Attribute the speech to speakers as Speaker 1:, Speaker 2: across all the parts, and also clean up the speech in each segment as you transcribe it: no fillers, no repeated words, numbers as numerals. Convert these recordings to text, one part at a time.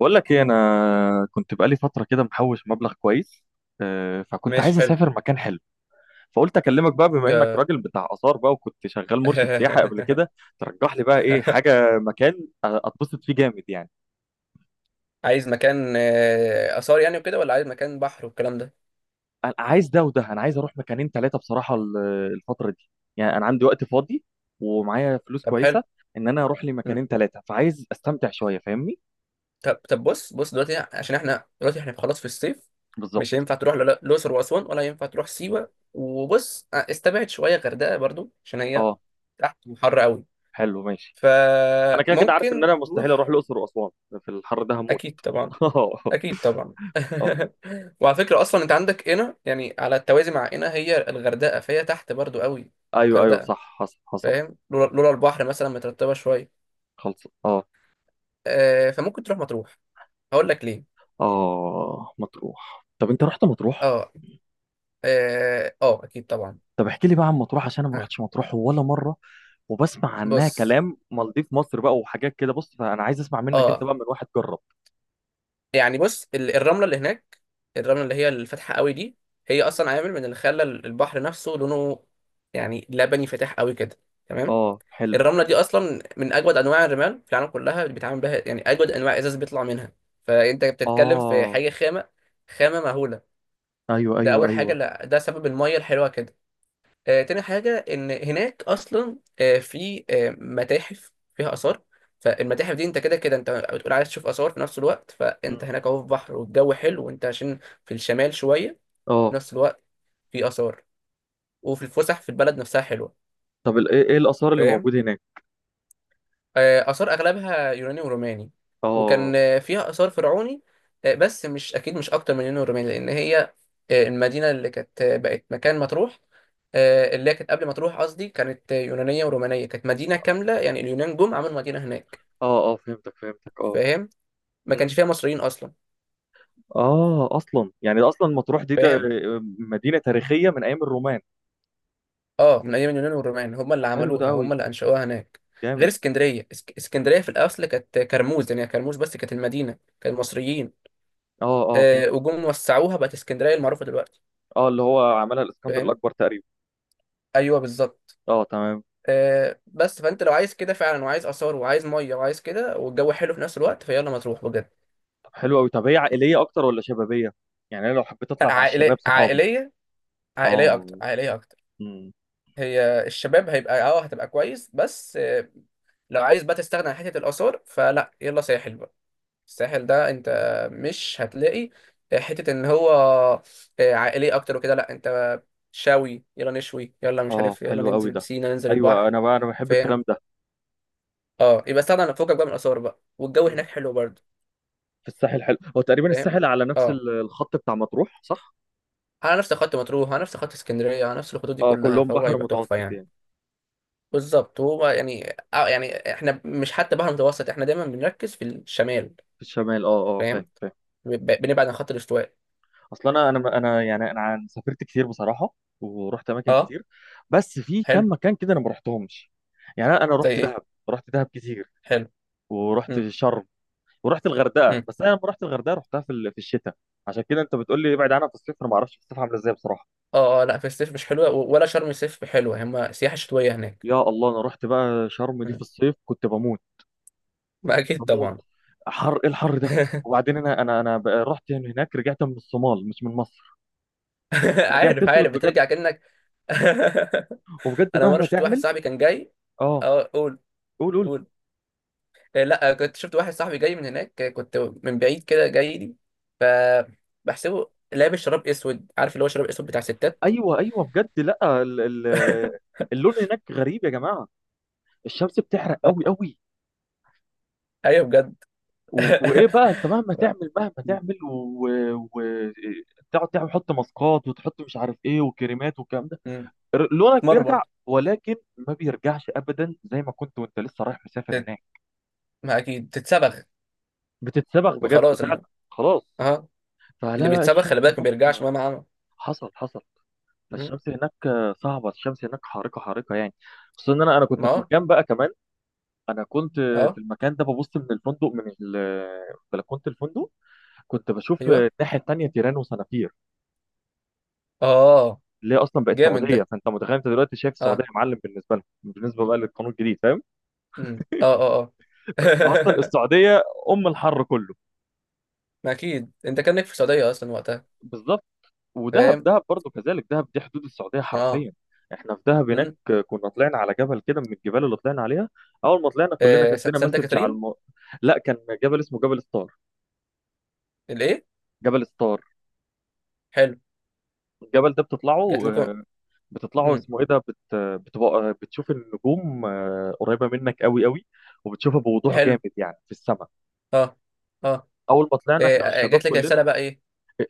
Speaker 1: بقول لك ايه، انا كنت بقالي فتره كده محوش مبلغ كويس. فكنت
Speaker 2: ماشي
Speaker 1: عايز
Speaker 2: حلو.
Speaker 1: اسافر مكان حلو. فقلت اكلمك بقى، بما انك
Speaker 2: يا-
Speaker 1: راجل بتاع اثار بقى وكنت شغال مرشد سياحه قبل كده. ترجح لي بقى ايه حاجه مكان اتبسط فيه جامد يعني.
Speaker 2: عايز مكان آثار يعني وكده، ولا عايز مكان بحر والكلام ده؟
Speaker 1: انا عايز ده وده، انا عايز اروح مكانين ثلاثه بصراحه الفتره دي. يعني انا عندي وقت فاضي ومعايا فلوس
Speaker 2: طب حلو.
Speaker 1: كويسه، ان انا اروح لي
Speaker 2: مم.
Speaker 1: مكانين ثلاثه، فعايز استمتع شويه، فاهمني؟
Speaker 2: طب بص دلوقتي، عشان احنا دلوقتي احنا خلاص في الصيف، مش
Speaker 1: بالظبط.
Speaker 2: هينفع تروح الأقصر وأسوان، ولا ينفع تروح سيوة. وبص، استبعد شوية غردقة برضو، عشان هي
Speaker 1: اه،
Speaker 2: تحت وحر قوي.
Speaker 1: حلو، ماشي. انا كده كده عارف ان
Speaker 2: فممكن
Speaker 1: انا مستحيل اروح
Speaker 2: تروح.
Speaker 1: الاقصر واسوان في الحر ده، هموت.
Speaker 2: اكيد طبعا. اكيد طبعا.
Speaker 1: اه.
Speaker 2: وعلى فكره اصلا انت عندك هنا، يعني على التوازي مع هنا، هي الغردقه، فهي تحت برضو قوي.
Speaker 1: ايوه ايوه،
Speaker 2: غردقه.
Speaker 1: صح، حصل حصل.
Speaker 2: فاهم؟ لولا البحر مثلا مترتبه شويه.
Speaker 1: خلص اه.
Speaker 2: فممكن تروح مطروح. هقول لك ليه.
Speaker 1: اه، مطروح. طب انت رحت مطروح؟
Speaker 2: اه اكيد طبعا.
Speaker 1: طب احكي لي بقى عن مطروح عشان انا ما
Speaker 2: آه.
Speaker 1: رحتش مطروح ولا مره، وبسمع عنها
Speaker 2: بص.
Speaker 1: كلام مالديف مصر بقى وحاجات كده. بص، فانا عايز اسمع منك انت
Speaker 2: اه.
Speaker 1: بقى، من واحد جرب.
Speaker 2: يعني بص الرمله اللي هناك، الرمله اللي هي الفاتحه قوي دي، هي اصلا عامل من اللي خلى البحر نفسه لونه يعني لبني فاتح قوي كده. تمام.
Speaker 1: اه حلو.
Speaker 2: الرمله دي اصلا من اجود انواع الرمال في العالم كلها، اللي بيتعامل بها يعني اجود انواع ازاز بيطلع منها. فانت بتتكلم في
Speaker 1: اه،
Speaker 2: حاجه خامه، خامه مهوله.
Speaker 1: ايوه
Speaker 2: ده
Speaker 1: ايوه
Speaker 2: اول حاجه،
Speaker 1: ايوه.
Speaker 2: لا ده سبب الميه الحلوه كده. تاني حاجة إن هناك أصلا، آه، في آه، متاحف فيها آثار. فالمتاحف دي، أنت كده كده أنت بتقول عايز تشوف آثار، في نفس الوقت فأنت
Speaker 1: مم.
Speaker 2: هناك أهو في بحر، والجو حلو وأنت عشان في الشمال شوية، في
Speaker 1: اه.
Speaker 2: نفس الوقت في آثار، وفي الفسح في البلد نفسها حلوة.
Speaker 1: طب ال- ايه إيه الاثار اللي
Speaker 2: فاهم؟
Speaker 1: موجوده هناك؟
Speaker 2: آثار أغلبها يوناني وروماني.
Speaker 1: اه
Speaker 2: وكان فيها آثار فرعوني، بس مش أكيد، مش أكتر من يوناني وروماني. لأن هي المدينة اللي كانت بقت مكان مطروح، اللي هي كانت قبل مطروح، قصدي كانت يونانية ورومانية، كانت مدينة كاملة. يعني اليونان جم عملوا مدينة هناك.
Speaker 1: اه اه، فهمتك فهمتك، اه.
Speaker 2: فاهم؟ ما
Speaker 1: مم.
Speaker 2: كانش فيها مصريين أصلا.
Speaker 1: اه، يعني اصلا مطروح دي
Speaker 2: فاهم.
Speaker 1: مدينه تاريخيه من ايام الرومان.
Speaker 2: اه، من أيام اليونان والرومان، هم
Speaker 1: ده
Speaker 2: اللي
Speaker 1: حلو، ده
Speaker 2: عملوها،
Speaker 1: قوي،
Speaker 2: هم اللي أنشأوها هناك. غير
Speaker 1: جامد.
Speaker 2: اسكندرية. اسكندرية في الأصل كانت كرموز، يعني كرموز بس، كانت المدينة كانت مصريين،
Speaker 1: اه اه، فهمت.
Speaker 2: وجم وسعوها بقت اسكندرية المعروفة دلوقتي.
Speaker 1: اه، اللي هو عملها الاسكندر
Speaker 2: فاهم.
Speaker 1: الاكبر تقريبا.
Speaker 2: ايوه بالظبط.
Speaker 1: اه، تمام.
Speaker 2: آه، بس فانت لو عايز كده فعلا، وعايز اثار وعايز ميه وعايز كده، والجو حلو في نفس الوقت، فيلا مطروح بجد.
Speaker 1: طب حلو قوي. طب هي عائليه اكتر ولا شبابيه؟ يعني انا لو حبيت اطلع مع الشباب
Speaker 2: عائليه
Speaker 1: صحابي.
Speaker 2: عائليه. عائليه اكتر
Speaker 1: اه.
Speaker 2: عائليه اكتر
Speaker 1: امم
Speaker 2: هي الشباب هيبقى اه، هتبقى كويس بس آه، لو عايز بقى تستغنى عن حته الاثار، فلا، يلا ساحل بقى. الساحل ده انت مش هتلاقي حته ان هو عائليه اكتر وكده، لا انت شاوي، يلا نشوي، يلا مش
Speaker 1: اه،
Speaker 2: عارف، يلا
Speaker 1: حلو قوي
Speaker 2: ننزل
Speaker 1: ده.
Speaker 2: بسينا، ننزل
Speaker 1: ايوه،
Speaker 2: البحر.
Speaker 1: انا بقى انا بحب
Speaker 2: فاهم.
Speaker 1: الكلام ده.
Speaker 2: اه، يبقى استغنى عن فوقك بقى من الاثار بقى، والجو
Speaker 1: مم.
Speaker 2: هناك حلو برضه.
Speaker 1: في الساحل حلو؟ هو تقريبا
Speaker 2: فاهم.
Speaker 1: الساحل على نفس
Speaker 2: اه،
Speaker 1: الخط بتاع مطروح، صح؟
Speaker 2: على نفس خط مطروح، على نفس خط اسكندريه، على نفس الخطوط دي
Speaker 1: اه،
Speaker 2: كلها،
Speaker 1: كلهم
Speaker 2: فهو
Speaker 1: بحر
Speaker 2: هيبقى تحفه
Speaker 1: متوسط
Speaker 2: يعني.
Speaker 1: يعني.
Speaker 2: بالظبط. هو يعني آه، يعني احنا مش حتى بحر متوسط، احنا دايما بنركز في الشمال.
Speaker 1: في الشمال اه. اه، فاهم
Speaker 2: فاهم.
Speaker 1: فاهم.
Speaker 2: بنبعد عن خط الاستواء.
Speaker 1: اصل انا انا انا يعني سافرت كتير بصراحه، ورحت اماكن
Speaker 2: اه.
Speaker 1: كتير، بس في
Speaker 2: حلو.
Speaker 1: كام مكان كده انا ما رحتهمش. يعني انا
Speaker 2: زي
Speaker 1: رحت
Speaker 2: ايه؟
Speaker 1: دهب. رحت دهب كتير،
Speaker 2: حلو.
Speaker 1: ورحت
Speaker 2: امم.
Speaker 1: شرم، ورحت الغردقه،
Speaker 2: امم.
Speaker 1: بس انا لما رحت الغردقه رحتها في الشتاء. عشان كده انت بتقول لي ابعد عنها في الصيف. انا ما اعرفش في الصيف عامله ازاي بصراحه.
Speaker 2: اه اه، لا في الصيف مش حلوه، ولا شرم الصيف حلوه، هما سياحه شتويه هناك.
Speaker 1: يا الله، انا رحت بقى شرم دي في
Speaker 2: مم.
Speaker 1: الصيف كنت بموت.
Speaker 2: ما اكيد
Speaker 1: بموت!
Speaker 2: طبعا.
Speaker 1: حر، ايه الحر ده! وبعدين انا بقى رحت من هناك، رجعت من الصومال مش من مصر. رجعت
Speaker 2: عارف
Speaker 1: اسود
Speaker 2: عارف
Speaker 1: بجد.
Speaker 2: بترجع كأنك.
Speaker 1: وبجد
Speaker 2: انا مره
Speaker 1: مهما
Speaker 2: شفت واحد
Speaker 1: تعمل.
Speaker 2: صاحبي كان جاي.
Speaker 1: اه،
Speaker 2: اه، قول
Speaker 1: قول قول.
Speaker 2: قول. آه، لا آه، كنت شفت واحد صاحبي جاي من هناك، كنت من بعيد كده جاي لي، فبحسبه لابس شراب اسود، عارف اللي هو شراب اسود بتاع ستات.
Speaker 1: ايوه ايوه، بجد، لا ال ال اللون هناك غريب يا جماعه، الشمس بتحرق
Speaker 2: آه،
Speaker 1: قوي قوي.
Speaker 2: ايوه بجد.
Speaker 1: وايه بقى، انت مهما تعمل، مهما تعمل وتقعد تعمل، تحط ماسكات وتحط مش عارف ايه وكريمات والكلام ده،
Speaker 2: مم.
Speaker 1: لونك
Speaker 2: مر
Speaker 1: بيرجع
Speaker 2: برضه.
Speaker 1: ولكن ما بيرجعش ابدا زي ما كنت وانت لسه رايح مسافر
Speaker 2: تت-
Speaker 1: هناك.
Speaker 2: ما اكيد تتسبخ.
Speaker 1: بتتسبغ
Speaker 2: ما
Speaker 1: بجد
Speaker 2: خلاص
Speaker 1: فعلا.
Speaker 2: اللي،
Speaker 1: خلاص.
Speaker 2: اه،
Speaker 1: فلا
Speaker 2: اللي
Speaker 1: لا،
Speaker 2: بيتسبخ
Speaker 1: الشمس
Speaker 2: خلي بالك ما
Speaker 1: هناك.
Speaker 2: بيرجعش مهما عمل.
Speaker 1: حصل حصل.
Speaker 2: مم.
Speaker 1: فالشمس هناك صعبة، الشمس هناك حارقة حارقة يعني. خصوصا ان انا كنت
Speaker 2: ما
Speaker 1: في
Speaker 2: اه
Speaker 1: مكان بقى كمان. انا كنت في
Speaker 2: اه،
Speaker 1: المكان ده ببص من الفندق من بلكونة الفندق، كنت بشوف
Speaker 2: ايوه.
Speaker 1: الناحية التانية، تيران وصنافير،
Speaker 2: اه،
Speaker 1: اللي هي اصلا بقت
Speaker 2: جامد
Speaker 1: سعوديه.
Speaker 2: ده.
Speaker 1: فانت متخيل انت دلوقتي شايف السعوديه
Speaker 2: اه.
Speaker 1: معلم بالنسبه لهم، بالنسبه بقى للقانون الجديد، فاهم؟
Speaker 2: مم. اه اه اه.
Speaker 1: فانت اصلا السعوديه ام الحر كله.
Speaker 2: ما اكيد انت كانك في السعوديه اصلا وقتها.
Speaker 1: بالظبط. ودهب
Speaker 2: فاهم.
Speaker 1: دهب برضو كذلك، دهب دي حدود السعوديه
Speaker 2: ما اه،
Speaker 1: حرفيا. احنا في دهب هناك كنا طلعنا على جبل كده من الجبال اللي طلعنا عليها. اول ما طلعنا كلنا
Speaker 2: آه
Speaker 1: جات لنا
Speaker 2: سانتا
Speaker 1: مسج على
Speaker 2: كاترين.
Speaker 1: لا، كان جبل اسمه جبل ستار.
Speaker 2: الايه؟
Speaker 1: جبل ستار،
Speaker 2: حلو.
Speaker 1: الجبل ده بتطلعه،
Speaker 2: جات لكم؟
Speaker 1: بتطلعه
Speaker 2: مم.
Speaker 1: اسمه ايه ده بتبقى بتشوف النجوم قريبه منك قوي قوي، وبتشوفها بوضوح جامد
Speaker 2: حلو.
Speaker 1: يعني في السماء.
Speaker 2: اه. اه.
Speaker 1: اول ما طلعنا
Speaker 2: إيه،
Speaker 1: احنا
Speaker 2: آه،
Speaker 1: والشباب
Speaker 2: جات لك
Speaker 1: كلنا،
Speaker 2: رساله بقى ايه؟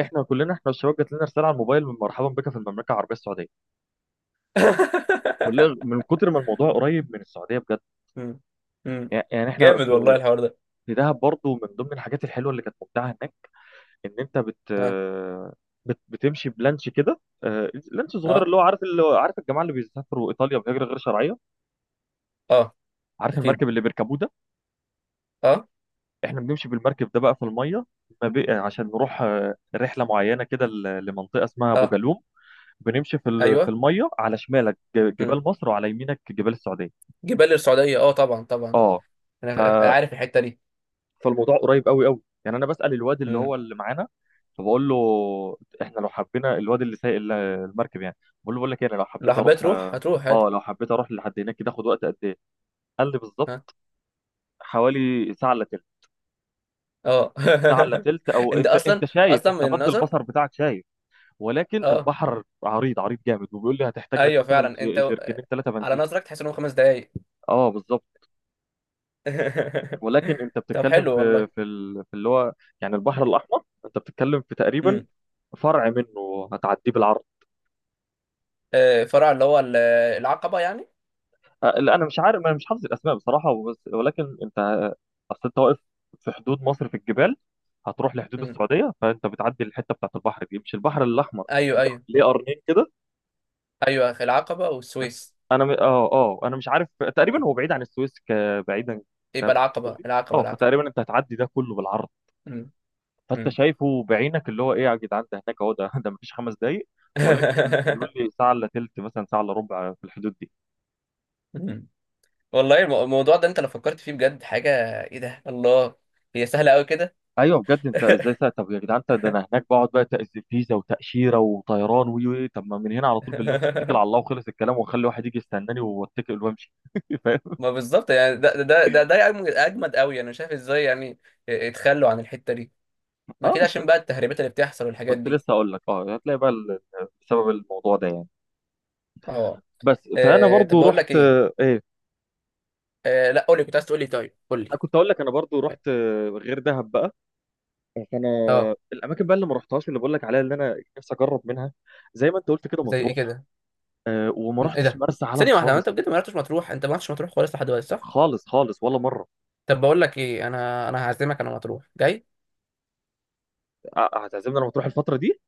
Speaker 1: احنا كلنا احنا والشباب، جات لنا رساله على الموبايل: من مرحبا بك في المملكه العربيه السعوديه. كلنا من كتر ما الموضوع قريب من السعوديه بجد.
Speaker 2: مم. مم.
Speaker 1: يعني احنا
Speaker 2: جامد
Speaker 1: في،
Speaker 2: والله الحوار ده.
Speaker 1: في دهب برضو من ضمن الحاجات الحلوه اللي كانت ممتعه هناك ان انت بت
Speaker 2: اه.
Speaker 1: بت بتمشي بلانش كده، لانش صغير،
Speaker 2: اه.
Speaker 1: اللي هو عارف الجماعه اللي بيسافروا ايطاليا بهجره غير شرعيه؟
Speaker 2: اه.
Speaker 1: عارف
Speaker 2: اكيد.
Speaker 1: المركب اللي بيركبوه ده.
Speaker 2: اه.
Speaker 1: احنا بنمشي بالمركب ده بقى في الميه. ما بي- عشان نروح رحله معينه كده لمنطقه اسمها
Speaker 2: اه.
Speaker 1: بوجالوم. بنمشي في
Speaker 2: ايوه.
Speaker 1: الميه، على شمالك
Speaker 2: مم.
Speaker 1: جبال مصر وعلى يمينك جبال السعوديه.
Speaker 2: جبال السعوديه، اه طبعا طبعا.
Speaker 1: اه. ف
Speaker 2: انا عارف الحته دي.
Speaker 1: فالموضوع قريب قوي قوي. يعني انا بسال الواد اللي
Speaker 2: مم.
Speaker 1: هو اللي معانا، فبقول له: احنا لو حبينا، الواد اللي سايق المركب يعني، بقول لك إيه، انا لو
Speaker 2: لو
Speaker 1: حبيت
Speaker 2: حبيت
Speaker 1: اروح،
Speaker 2: تروح هتروح عادي.
Speaker 1: اه لو حبيت اروح لحد هناك كده، اخد وقت قد ايه؟ قال لي
Speaker 2: ها.
Speaker 1: بالظبط حوالي ساعه الا تلت.
Speaker 2: اه.
Speaker 1: ساعه الا تلت، او
Speaker 2: انت
Speaker 1: انت
Speaker 2: اصلا،
Speaker 1: شايف،
Speaker 2: اصلا
Speaker 1: انت
Speaker 2: من
Speaker 1: مد
Speaker 2: النظر.
Speaker 1: البصر بتاعك شايف، ولكن
Speaker 2: اه،
Speaker 1: البحر عريض عريض جامد. وبيقول لي هتحتاج لك
Speaker 2: ايوه
Speaker 1: مثلا
Speaker 2: فعلا،
Speaker 1: جركنين ثلاثه
Speaker 2: على
Speaker 1: بنزين.
Speaker 2: نظرك تحس انهم خمس دقايق.
Speaker 1: اه بالظبط. ولكن انت
Speaker 2: طب
Speaker 1: بتتكلم
Speaker 2: حلو
Speaker 1: في
Speaker 2: والله.
Speaker 1: في ال- في اللي هو يعني البحر الاحمر، انت بتتكلم في تقريبا
Speaker 2: امم.
Speaker 1: فرع منه هتعديه بالعرض.
Speaker 2: آه، فرع اللي هو ال- العقبة يعني.
Speaker 1: لا انا مش عارف، انا مش حافظ الاسماء بصراحه وبس. ولكن انت، اصل انت واقف في حدود مصر في الجبال، هتروح لحدود
Speaker 2: امم.
Speaker 1: السعوديه، فانت بتعدي الحته بتاعت البحر دي، مش البحر الاحمر،
Speaker 2: ايوه ايوه
Speaker 1: ليه قرنين كده.
Speaker 2: ايوه. العقبة والسويس.
Speaker 1: انا م... اه اه انا مش عارف. تقريبا هو بعيد عن السويس بعيدا. تمام.
Speaker 2: يبقى
Speaker 1: قول
Speaker 2: العقبة،
Speaker 1: لي.
Speaker 2: العقبة
Speaker 1: اه،
Speaker 2: العقبة
Speaker 1: فتقريبا انت هتعدي ده كله بالعرض.
Speaker 2: امم.
Speaker 1: فانت
Speaker 2: امم.
Speaker 1: شايفه بعينك، اللي هو ايه يا جدعان ده، هناك اهو ده، ده مفيش 5 دقايق. ولكن بيقول لي ساعه الا تلت، مثلا ساعه الا ربع في الحدود دي.
Speaker 2: أمم. والله الموضوع ده انت لو فكرت فيه بجد حاجة، ايه ده الله، هي سهلة قوي كده.
Speaker 1: ايوه بجد، انت ازاي ساعه؟ طب يا جدعان انت، ده انا هناك بقعد بقى تأذي فيزا وتاشيره وطيران وي وي، طب ما من هنا على طول باللانش اتكل على الله وخلص الكلام، واخلي واحد يجي يستناني واتكل وامشي. فاهم؟
Speaker 2: ما بالظبط، يعني ده أجمد، أجمد قوي، انا شايف ازاي يعني. اتخلوا عن الحتة دي، ما
Speaker 1: اه
Speaker 2: كده
Speaker 1: بس،
Speaker 2: عشان بقى التهريبات اللي بتحصل والحاجات
Speaker 1: كنت
Speaker 2: دي.
Speaker 1: لسه اقول لك، اه هتلاقي بقى بسبب الموضوع ده يعني.
Speaker 2: اه،
Speaker 1: بس، فانا
Speaker 2: طب
Speaker 1: برضو
Speaker 2: بقول لك
Speaker 1: رحت
Speaker 2: ايه،
Speaker 1: آه، ايه
Speaker 2: لا قول لي، كنت عايز تقول لي، طيب قول
Speaker 1: انا كنت اقول لك انا برضو رحت، غير دهب بقى، فانا
Speaker 2: لي.
Speaker 1: الاماكن بقى اللي ما رحتهاش اللي بقول لك عليها اللي انا نفسي اجرب منها، زي ما انت قلت كده،
Speaker 2: زي ايه
Speaker 1: مطروح.
Speaker 2: كده؟
Speaker 1: أه، وما
Speaker 2: ايه
Speaker 1: رحتش
Speaker 2: ده،
Speaker 1: مرسى علم
Speaker 2: ثانيه واحده، هو انت
Speaker 1: خالص.
Speaker 2: بجد ما رحتش مطروح، انت ما رحتش مطروح خالص لحد دلوقتي صح؟
Speaker 1: خالص خالص، ولا مره.
Speaker 2: طب بقول لك ايه، انا انا هعزمك انا، مطروح جاي.
Speaker 1: أه، هتعزمني انا مطروح الفتره دي.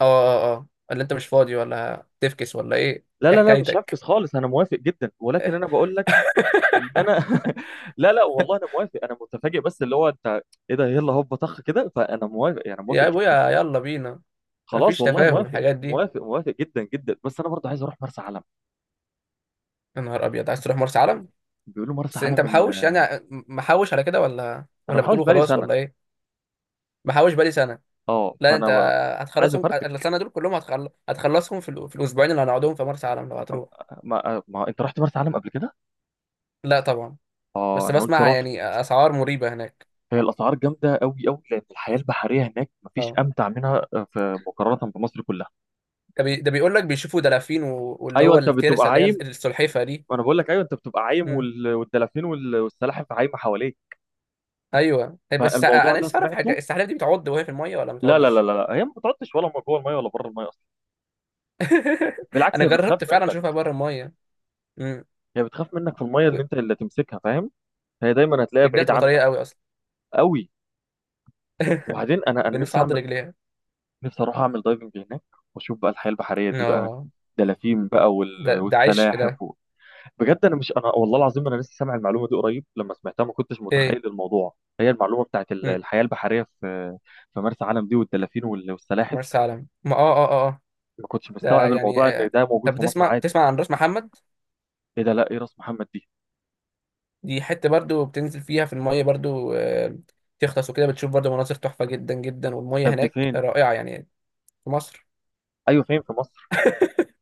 Speaker 2: اه اه اه، ولا انت مش فاضي ولا تفكس ولا ايه؟
Speaker 1: لا
Speaker 2: ايه
Speaker 1: لا لا، مش
Speaker 2: حكايتك؟
Speaker 1: هفكس خالص، انا موافق جدا، ولكن انا بقول لك ان انا لا لا والله انا موافق، انا متفاجئ بس، اللي هو انت ايه ده، يلا هوب طخ كده، فانا موافق، يعني موافق
Speaker 2: يا
Speaker 1: جدا.
Speaker 2: ابويا يلا بينا.
Speaker 1: خلاص
Speaker 2: مفيش
Speaker 1: والله
Speaker 2: تفاهم
Speaker 1: موافق
Speaker 2: الحاجات دي.
Speaker 1: موافق موافق جدا جدا. بس انا برضه عايز اروح مرسى علم.
Speaker 2: يا نهار ابيض، عايز تروح مرسى علم؟
Speaker 1: بيقولوا مرسى
Speaker 2: بس انت
Speaker 1: علم
Speaker 2: محوش يعني، محوش على كده، ولا
Speaker 1: انا
Speaker 2: ولا
Speaker 1: بحوش
Speaker 2: بتقوله
Speaker 1: بقالي
Speaker 2: خلاص
Speaker 1: سنه.
Speaker 2: ولا ايه؟ محوش بقالي سنه.
Speaker 1: اه،
Speaker 2: لا انت
Speaker 1: فانا عايز
Speaker 2: هتخلصهم
Speaker 1: افرتك.
Speaker 2: السنه دول كلهم، هتخلصهم في, في الاسبوعين اللي هنقعدهم في مرسى علم لو هتروح.
Speaker 1: ما، ما انت رحت مرسى علم قبل كده؟
Speaker 2: لا طبعا.
Speaker 1: اه،
Speaker 2: بس
Speaker 1: انا قلت
Speaker 2: بسمع
Speaker 1: رحت.
Speaker 2: يعني اسعار مريبه هناك.
Speaker 1: هي الاسعار جامده قوي قوي، لان الحياه البحريه هناك مفيش
Speaker 2: اه،
Speaker 1: امتع منها، في مقارنه بمصر كلها.
Speaker 2: ده بيقول لك بيشوفوا دلافين واللي
Speaker 1: ايوه،
Speaker 2: هو
Speaker 1: انت بتبقى
Speaker 2: الترسه، اللي هي
Speaker 1: عايم.
Speaker 2: السلحفه دي.
Speaker 1: وانا بقول لك، ايوه انت بتبقى عايم
Speaker 2: امم.
Speaker 1: والدلافين والسلاحف عايمه حواليك.
Speaker 2: ايوه طيب، بس
Speaker 1: فالموضوع
Speaker 2: انا
Speaker 1: ده
Speaker 2: لسه اعرف
Speaker 1: سمعته.
Speaker 2: حاجه، السلحفه دي بتعض وهي في الميه ولا ما
Speaker 1: لا لا لا
Speaker 2: بتعضش؟
Speaker 1: لا لا. هي ما بتقعدش ولا جوه الميه ولا بره الميه اصلا. بالعكس،
Speaker 2: انا
Speaker 1: هي بتخاف
Speaker 2: جربت فعلا
Speaker 1: منك.
Speaker 2: اشوفها بره الميه. امم.
Speaker 1: هي بتخاف منك في الميه،
Speaker 2: و-
Speaker 1: اللي انت اللي تمسكها فاهم. هي دايما هتلاقيها
Speaker 2: رجلها
Speaker 1: بعيد
Speaker 2: بتبقى طريه
Speaker 1: عنك
Speaker 2: قوي اصلا.
Speaker 1: قوي. وبعدين انا
Speaker 2: بنفسي
Speaker 1: نفسي
Speaker 2: اعض
Speaker 1: اعمل،
Speaker 2: رجليها.
Speaker 1: نفسي اروح اعمل دايفنج هناك، واشوف بقى الحياه البحريه دي بقى،
Speaker 2: اه،
Speaker 1: دلافين بقى
Speaker 2: ده ده عيش ده.
Speaker 1: والسلاحف بجد، انا مش، انا والله العظيم انا لسه سامع المعلومه دي قريب، لما سمعتها ما كنتش
Speaker 2: ايه؟
Speaker 1: متخيل الموضوع، هي المعلومه بتاعت
Speaker 2: امم.
Speaker 1: الحياه البحريه في، في مرسى علم دي، والدلافين والسلاحف.
Speaker 2: مرسى علم، ما اه اه اه. آه.
Speaker 1: ما كنتش
Speaker 2: ده
Speaker 1: مستوعب
Speaker 2: يعني
Speaker 1: الموضوع ان
Speaker 2: آه.
Speaker 1: ده موجود
Speaker 2: طب
Speaker 1: في مصر
Speaker 2: بتسمع،
Speaker 1: عادي.
Speaker 2: بتسمع عن راس محمد؟
Speaker 1: ايه ده، لا، ايه راس محمد دي؟
Speaker 2: دي حتة برضو بتنزل فيها في المية، برضو آه، تغطس وكده بتشوف برضو مناظر تحفة جدا جدا، والمية
Speaker 1: طب دي
Speaker 2: هناك
Speaker 1: فين؟
Speaker 2: رائعة يعني. في مصر.
Speaker 1: ايوه، فين في مصر؟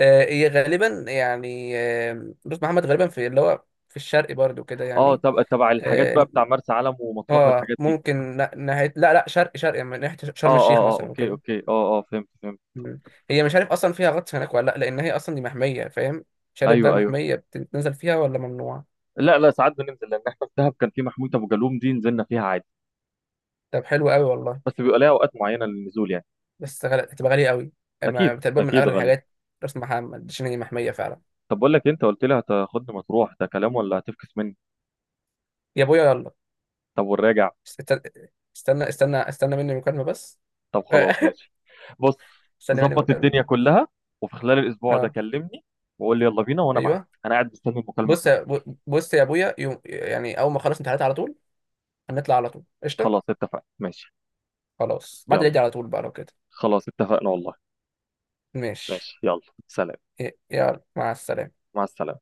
Speaker 2: آه، هي غالبا يعني آه، بص محمد غالبا في اللي هو في الشرق برضو كده
Speaker 1: اه،
Speaker 2: يعني.
Speaker 1: طب تبع الحاجات بقى
Speaker 2: اه،
Speaker 1: بتاع مرسى علم ومطروح
Speaker 2: آه،
Speaker 1: والحاجات دي؟
Speaker 2: ممكن لا- ناحية لا لا شرق شرق يعني، من ناحية
Speaker 1: اه
Speaker 2: شرم الشيخ
Speaker 1: اه اه،
Speaker 2: مثلا
Speaker 1: اوكي
Speaker 2: وكده.
Speaker 1: اوكي، اه اه، فهمت فهمت.
Speaker 2: مم. هي مش عارف اصلا فيها غطس هناك ولا لا، لان هي اصلا دي محمية فاهم، مش عارف بقى
Speaker 1: ايوه ايوه.
Speaker 2: محمية بتنزل فيها ولا ممنوع.
Speaker 1: لا لا، ساعات بننزل، لان احنا في دهب كان في محمود ابو جالوم دي نزلنا فيها عادي،
Speaker 2: طب حلو قوي والله.
Speaker 1: بس بيبقى ليها اوقات معينه للنزول يعني.
Speaker 2: بس هتبقى غالية قوي،
Speaker 1: اكيد
Speaker 2: أما تقريبا من
Speaker 1: اكيد،
Speaker 2: أغلى
Speaker 1: غالي.
Speaker 2: الحاجات. راس محمد شنو محمية فعلا.
Speaker 1: طب بقول لك إيه، انت قلت لي هتاخدني مطروح، ده كلام ولا هتفكس مني؟
Speaker 2: يا أبويا يلا.
Speaker 1: طب والراجع؟
Speaker 2: استنى، استنى مني مكالمة بس.
Speaker 1: طب خلاص، ماشي. بص،
Speaker 2: استنى مني
Speaker 1: ظبط
Speaker 2: مكالمة.
Speaker 1: الدنيا كلها، وفي خلال الاسبوع ده
Speaker 2: أه.
Speaker 1: كلمني وقول لي يلا بينا وانا معاك،
Speaker 2: أيوه.
Speaker 1: انا قاعد مستني المكالمه
Speaker 2: بص يا
Speaker 1: بتاعتك.
Speaker 2: بص يا أبويا، يوم يعني أول ما أخلص امتحانات على طول، هنطلع على طول قشطة.
Speaker 1: خلاص اتفقنا، ماشي.
Speaker 2: خلاص بعد
Speaker 1: يلا.
Speaker 2: العيد على طول بقى لو كده.
Speaker 1: خلاص اتفقنا والله.
Speaker 2: ماشي.
Speaker 1: ماشي، يلا. سلام.
Speaker 2: يلا مع السلامة.
Speaker 1: مع السلامه.